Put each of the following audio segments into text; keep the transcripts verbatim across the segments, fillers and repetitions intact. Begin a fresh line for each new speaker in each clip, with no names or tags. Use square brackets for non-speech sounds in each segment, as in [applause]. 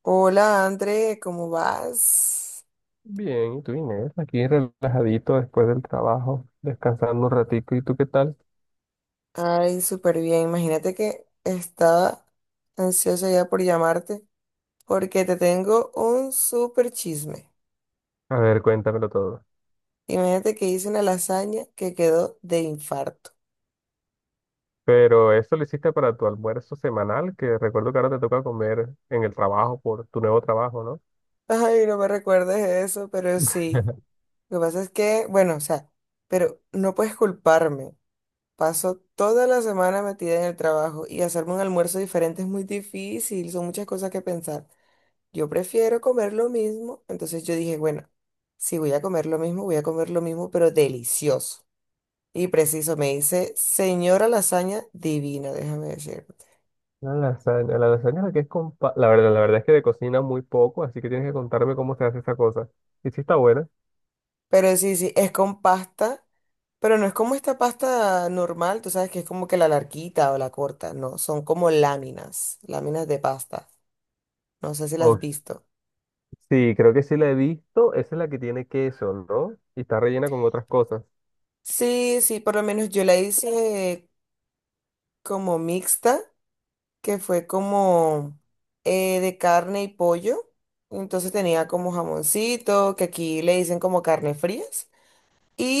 Hola André, ¿cómo vas?
Bien, ¿y tú, Inés? Aquí relajadito después del trabajo, descansando un ratico. ¿Y tú qué tal?
Ay, súper bien. Imagínate que estaba ansiosa ya por llamarte porque te tengo un súper chisme.
A ver, cuéntamelo todo.
Imagínate que hice una lasaña que quedó de infarto.
Pero eso lo hiciste para tu almuerzo semanal, que recuerdo que ahora te toca comer en el trabajo por tu nuevo trabajo, ¿no?
[laughs] Ay, no me recuerdes eso, pero sí.
[laughs]
Lo que pasa es que, bueno, o sea, pero no puedes culparme. Paso toda la semana metida en el trabajo y hacerme un almuerzo diferente es muy difícil, son muchas cosas que pensar. Yo prefiero comer lo mismo. Entonces yo dije, bueno, si voy a comer lo mismo, voy a comer lo mismo, pero delicioso. Y preciso, me dice, señora lasaña divina, déjame decirte.
La lasaña, la lasaña es la que es con pa- La verdad, la verdad es que de cocina muy poco, así que tienes que contarme cómo se hace esa cosa. ¿Y si está buena?
Pero sí, sí, es con pasta, pero no es como esta pasta normal, tú sabes que es como que la larguita o la corta, no, son como láminas, láminas de pasta. No sé si las has
Ok.
visto.
Sí, creo que sí la he visto. Esa es la que tiene queso, ¿no? Y está rellena con otras cosas.
Sí, sí, por lo menos yo la hice como mixta, que fue como eh, de carne y pollo. Entonces tenía como jamoncito, que aquí le dicen como carne frías.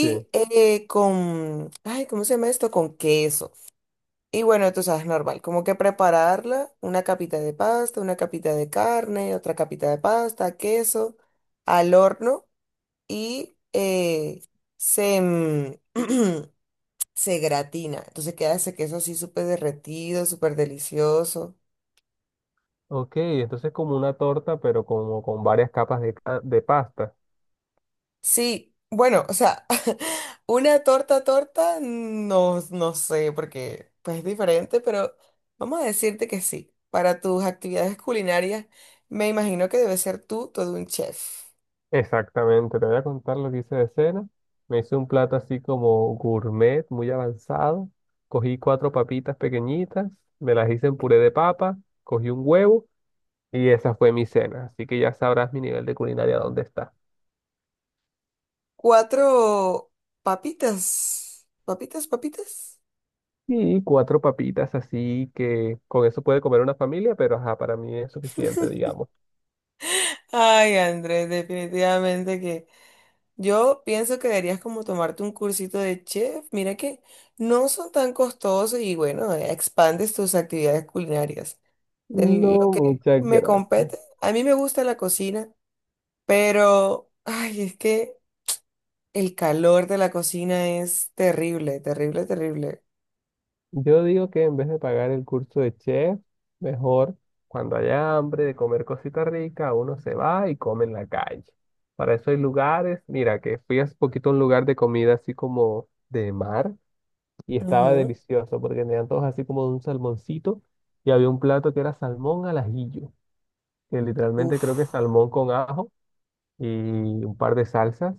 Sí.
eh, con, ay, ¿cómo se llama esto? Con queso. Y bueno, tú sabes, normal, como que prepararla, una capita de pasta, una capita de carne, otra capita de pasta, queso, al horno y eh, se, mm, [clears throat] se gratina. Entonces queda ese queso así súper derretido, súper delicioso.
Ok, entonces como una torta, pero como con varias capas de, ca- de pasta.
Sí, bueno, o sea, [laughs] una torta torta, no, no sé, porque pues es diferente, pero vamos a decirte que sí. Para tus actividades culinarias, me imagino que debes ser tú todo un chef.
Exactamente, te voy a contar lo que hice de cena. Me hice un plato así como gourmet, muy avanzado. Cogí cuatro papitas pequeñitas, me las hice en puré de papa, cogí un huevo y esa fue mi cena. Así que ya sabrás mi nivel de culinaria dónde está.
Cuatro papitas, papitas, papitas.
Y cuatro papitas, así que con eso puede comer una familia, pero ajá, para mí es suficiente, digamos.
Ay, Andrés, definitivamente que yo pienso que deberías como tomarte un cursito de chef. Mira que no son tan costosos y bueno, eh, expandes tus actividades culinarias. De lo
No,
que
muchas
me
gracias.
compete, a mí me gusta la cocina, pero ay, es que el calor de la cocina es terrible, terrible, terrible.
Yo digo que en vez de pagar el curso de chef, mejor cuando haya hambre de comer cosita rica, uno se va y come en la calle. Para eso hay lugares, mira, que fui hace poquito a un lugar de comida así como de mar y estaba
Ujú.
delicioso porque tenían todos así como un salmoncito y había un plato que era salmón al ajillo, que literalmente
Uf.
creo que es salmón con ajo y un par de salsas,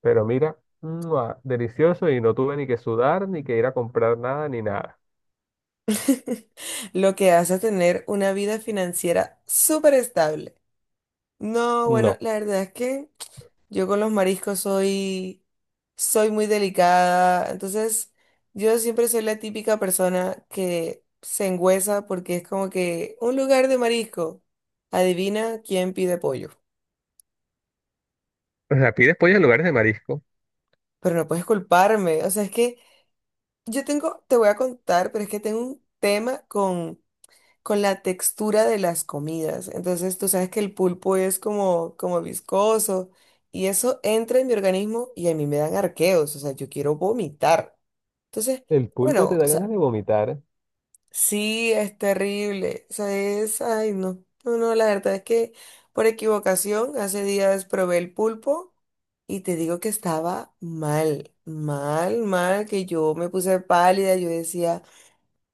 pero mira, ¡mua! Delicioso, y no tuve ni que sudar, ni que ir a comprar nada, ni nada.
[laughs] Lo que hace tener una vida financiera súper estable. No, bueno,
No.
la verdad es que yo con los mariscos soy, soy muy delicada. Entonces, yo siempre soy la típica persona que se engüesa porque es como que un lugar de marisco. Adivina quién pide pollo.
O sea, pides pollo en lugares de marisco.
Pero no puedes culparme. O sea, es que yo tengo, te voy a contar, pero es que tengo un tema con la textura de las comidas. Entonces, tú sabes que el pulpo es como, como viscoso y eso entra en mi organismo y a mí me dan arqueos, o sea, yo quiero vomitar. Entonces,
El pulpo
bueno,
te da
o sea,
ganas de vomitar,
sí es terrible, o sea, es, ay, no, no, no, la verdad es que por equivocación hace días probé el pulpo y te digo que estaba mal, mal, mal, que yo me puse pálida, yo decía,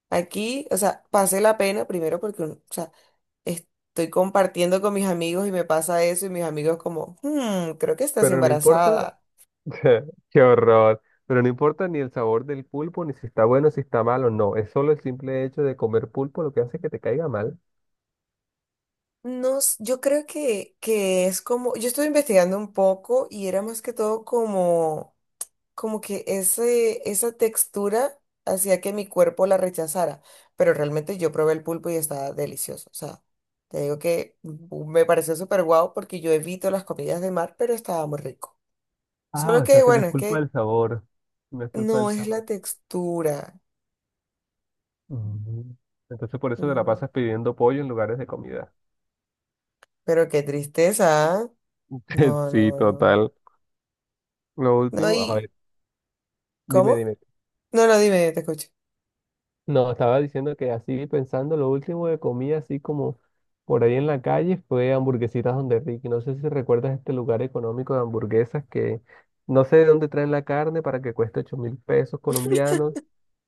aquí, o sea, pasé la pena primero porque, uno- o sea, estoy compartiendo con mis amigos y me pasa eso y mis amigos como, "Hmm, creo que estás
pero no importa.
embarazada."
[laughs] Qué horror, pero no importa ni el sabor del pulpo, ni si está bueno, si está malo, no, es solo el simple hecho de comer pulpo lo que hace que te caiga mal.
No, s- Yo creo que, que es como, yo estuve investigando un poco y era más que todo como, como que ese, esa textura hacía que mi cuerpo la rechazara, pero realmente yo probé el pulpo y estaba delicioso, o sea, te digo que mm, me pareció súper guau porque yo evito las comidas de mar, pero estaba muy rico.
Ah,
Solo
o
que,
sea que no
bueno,
es
es
culpa del
que
sabor, no es culpa
no
del
es la
sabor.
textura.
Mm. Entonces por eso te la
mm,
pasas pidiendo pollo en lugares de comida.
Pero qué tristeza, ¿ah?
[laughs]
No,
Sí,
no, no.
total. Lo
No,
último, a
¿y
ver, dime,
cómo?
dime.
No, no, dime, te escucho.
No, estaba diciendo que así pensando, lo último que comí así como por ahí en la calle fue hamburguesitas Donde Ricky. No sé si recuerdas este lugar económico de hamburguesas, que no sé de dónde traen la carne para que cueste ocho mil pesos colombianos.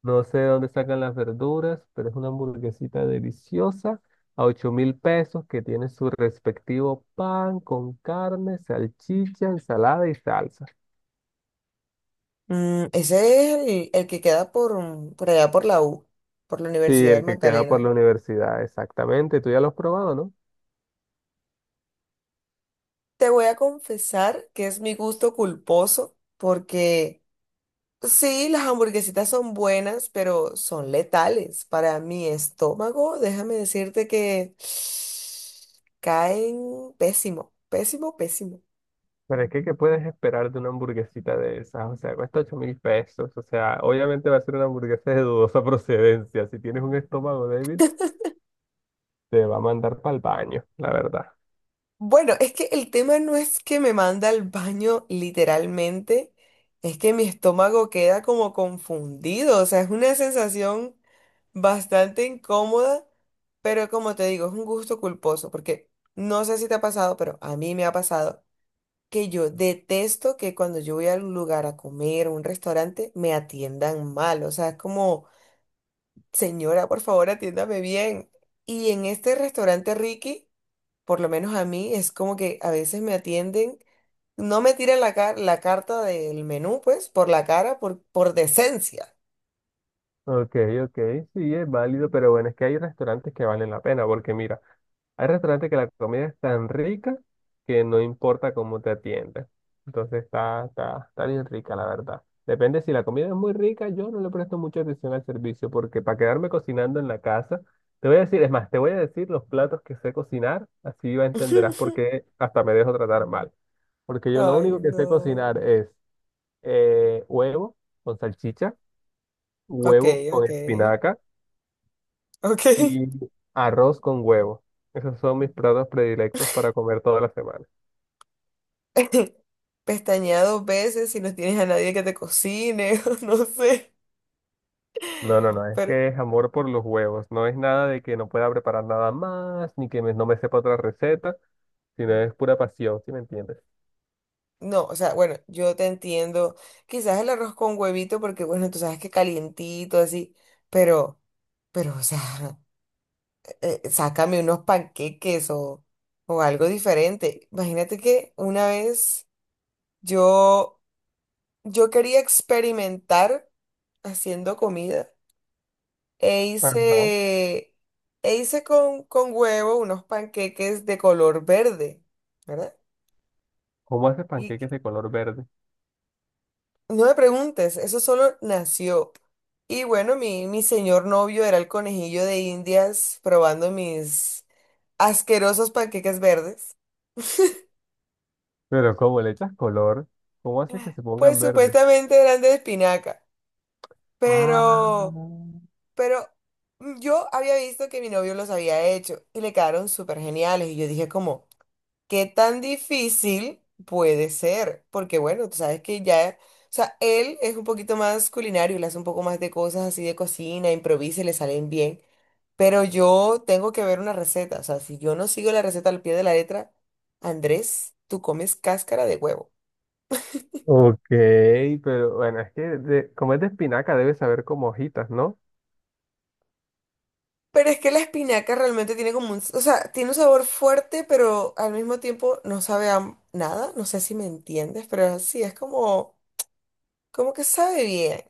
No sé de dónde sacan las verduras, pero es una hamburguesita deliciosa a ocho mil pesos, que tiene su respectivo pan con carne, salchicha, ensalada y salsa.
Mm, ese es el, el que queda por, mm, por allá por la U, por la
Sí,
Universidad del
el que queda por la
Magdalena.
universidad, exactamente. Tú ya lo has probado, ¿no?
Te voy a confesar que es mi gusto culposo, porque sí, las hamburguesitas son buenas, pero son letales para mi estómago. Déjame decirte que [sighs] caen pésimo, pésimo, pésimo.
Pero es que, ¿qué puedes esperar de una hamburguesita de esas? O sea, cuesta ocho mil pesos. O sea, obviamente va a ser una hamburguesa de dudosa [laughs] procedencia. Si tienes un estómago débil, te va a mandar para el baño, la verdad.
Bueno, es que el tema no es que me manda al baño literalmente, es que mi estómago queda como confundido, o sea, es una sensación bastante incómoda, pero como te digo, es un gusto culposo, porque no sé si te ha pasado, pero a mí me ha pasado que yo detesto que cuando yo voy a un lugar a comer, a un restaurante, me atiendan mal, o sea, es como, señora, por favor, atiéndame bien. Y en este restaurante Ricky por lo menos a mí, es como que a veces me atienden, no me tiran la, car- la carta del menú, pues, por la cara, por, por decencia.
Ok, ok, sí, es válido, pero bueno, es que hay restaurantes que valen la pena, porque mira, hay restaurantes que la comida es tan rica que no importa cómo te atiendan. Entonces está, está, está bien rica, la verdad. Depende. Si la comida es muy rica, yo no le presto mucha atención al servicio, porque para quedarme cocinando en la casa, te voy a decir, es más, te voy a decir los platos que sé cocinar, así va- entenderás por
[laughs]
qué hasta me dejo tratar mal. Porque yo lo
Ay,
único que sé
no.
cocinar es eh, huevo con salchicha,
Ok,
huevo con
ok,
espinaca
ok.
y arroz con huevo. Esos son mis platos predilectos para comer toda la semana.
[laughs] Pestañea dos veces si no tienes a nadie que te cocine, [laughs] o no sé.
No, no, no, es
pero
que es amor por los huevos. No es nada de que no pueda preparar nada más, ni que me- no me sepa otra receta, sino es pura pasión, ¿si me entiendes?
No, o sea, bueno, yo te entiendo. Quizás el arroz con huevito, porque bueno, tú sabes que calientito, así, pero, pero, o sea, [laughs] eh, sácame unos panqueques o, o algo diferente. Imagínate que una vez yo, yo quería experimentar haciendo comida e
Ajá.
hice, e hice con, con huevo unos panqueques de color verde, ¿verdad?
¿Cómo haces
Y
panqueques de color verde?
no me preguntes, eso solo nació. Y bueno, mi, mi señor novio era el conejillo de Indias probando mis asquerosos panqueques verdes.
Pero ¿cómo le echas color? ¿Cómo haces que se
Pues
pongan verdes?
supuestamente eran de espinaca,
Ah,
pero, pero yo había visto que mi novio los había hecho y le quedaron súper geniales. Y yo dije como, ¿qué tan difícil puede ser? Porque bueno, tú sabes que ya, o sea, él es un poquito más culinario, le hace un poco más de cosas así de cocina, improvisa y le salen bien. Pero yo tengo que ver una receta, o sea, si yo no sigo la receta al pie de la letra, Andrés, tú comes cáscara de huevo.
ok, pero bueno, es que de- como es de espinaca debe saber como hojitas, ¿no?
Pero es que la espinaca realmente tiene como un, o sea, tiene un sabor fuerte, pero al mismo tiempo no sabe a nada, no sé si me entiendes, pero sí, es como, como que sabe bien.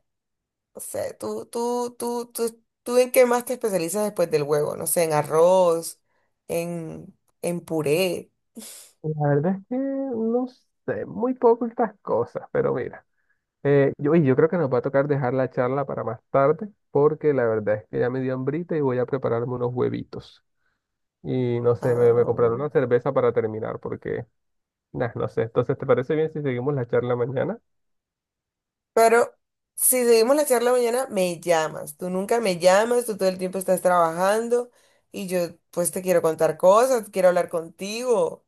O sea, tú, tú, tú, tú, tú en qué más te especializas después del huevo, no sé, en arroz, en, en puré.
La verdad es que no sé muy poco estas cosas, pero mira, eh, yo, y yo creo que nos va a tocar dejar la charla para más tarde, porque la verdad es que ya me dio hambrita y voy a prepararme unos huevitos. Y no sé, me, me
Ah,
compraron una cerveza para terminar, porque, nah, no sé. Entonces, ¿te parece bien si seguimos la charla mañana?
pero si seguimos la charla mañana, me llamas. Tú nunca me llamas, tú todo el tiempo estás trabajando y yo pues te quiero contar cosas, quiero hablar contigo.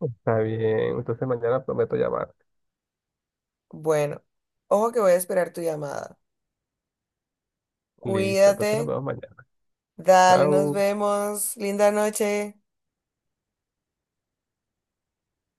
Está bien, entonces mañana prometo llamar.
Bueno, ojo que voy a esperar tu llamada.
Listo, entonces nos
Cuídate,
vemos mañana.
dale, nos
Chao.
vemos, linda noche.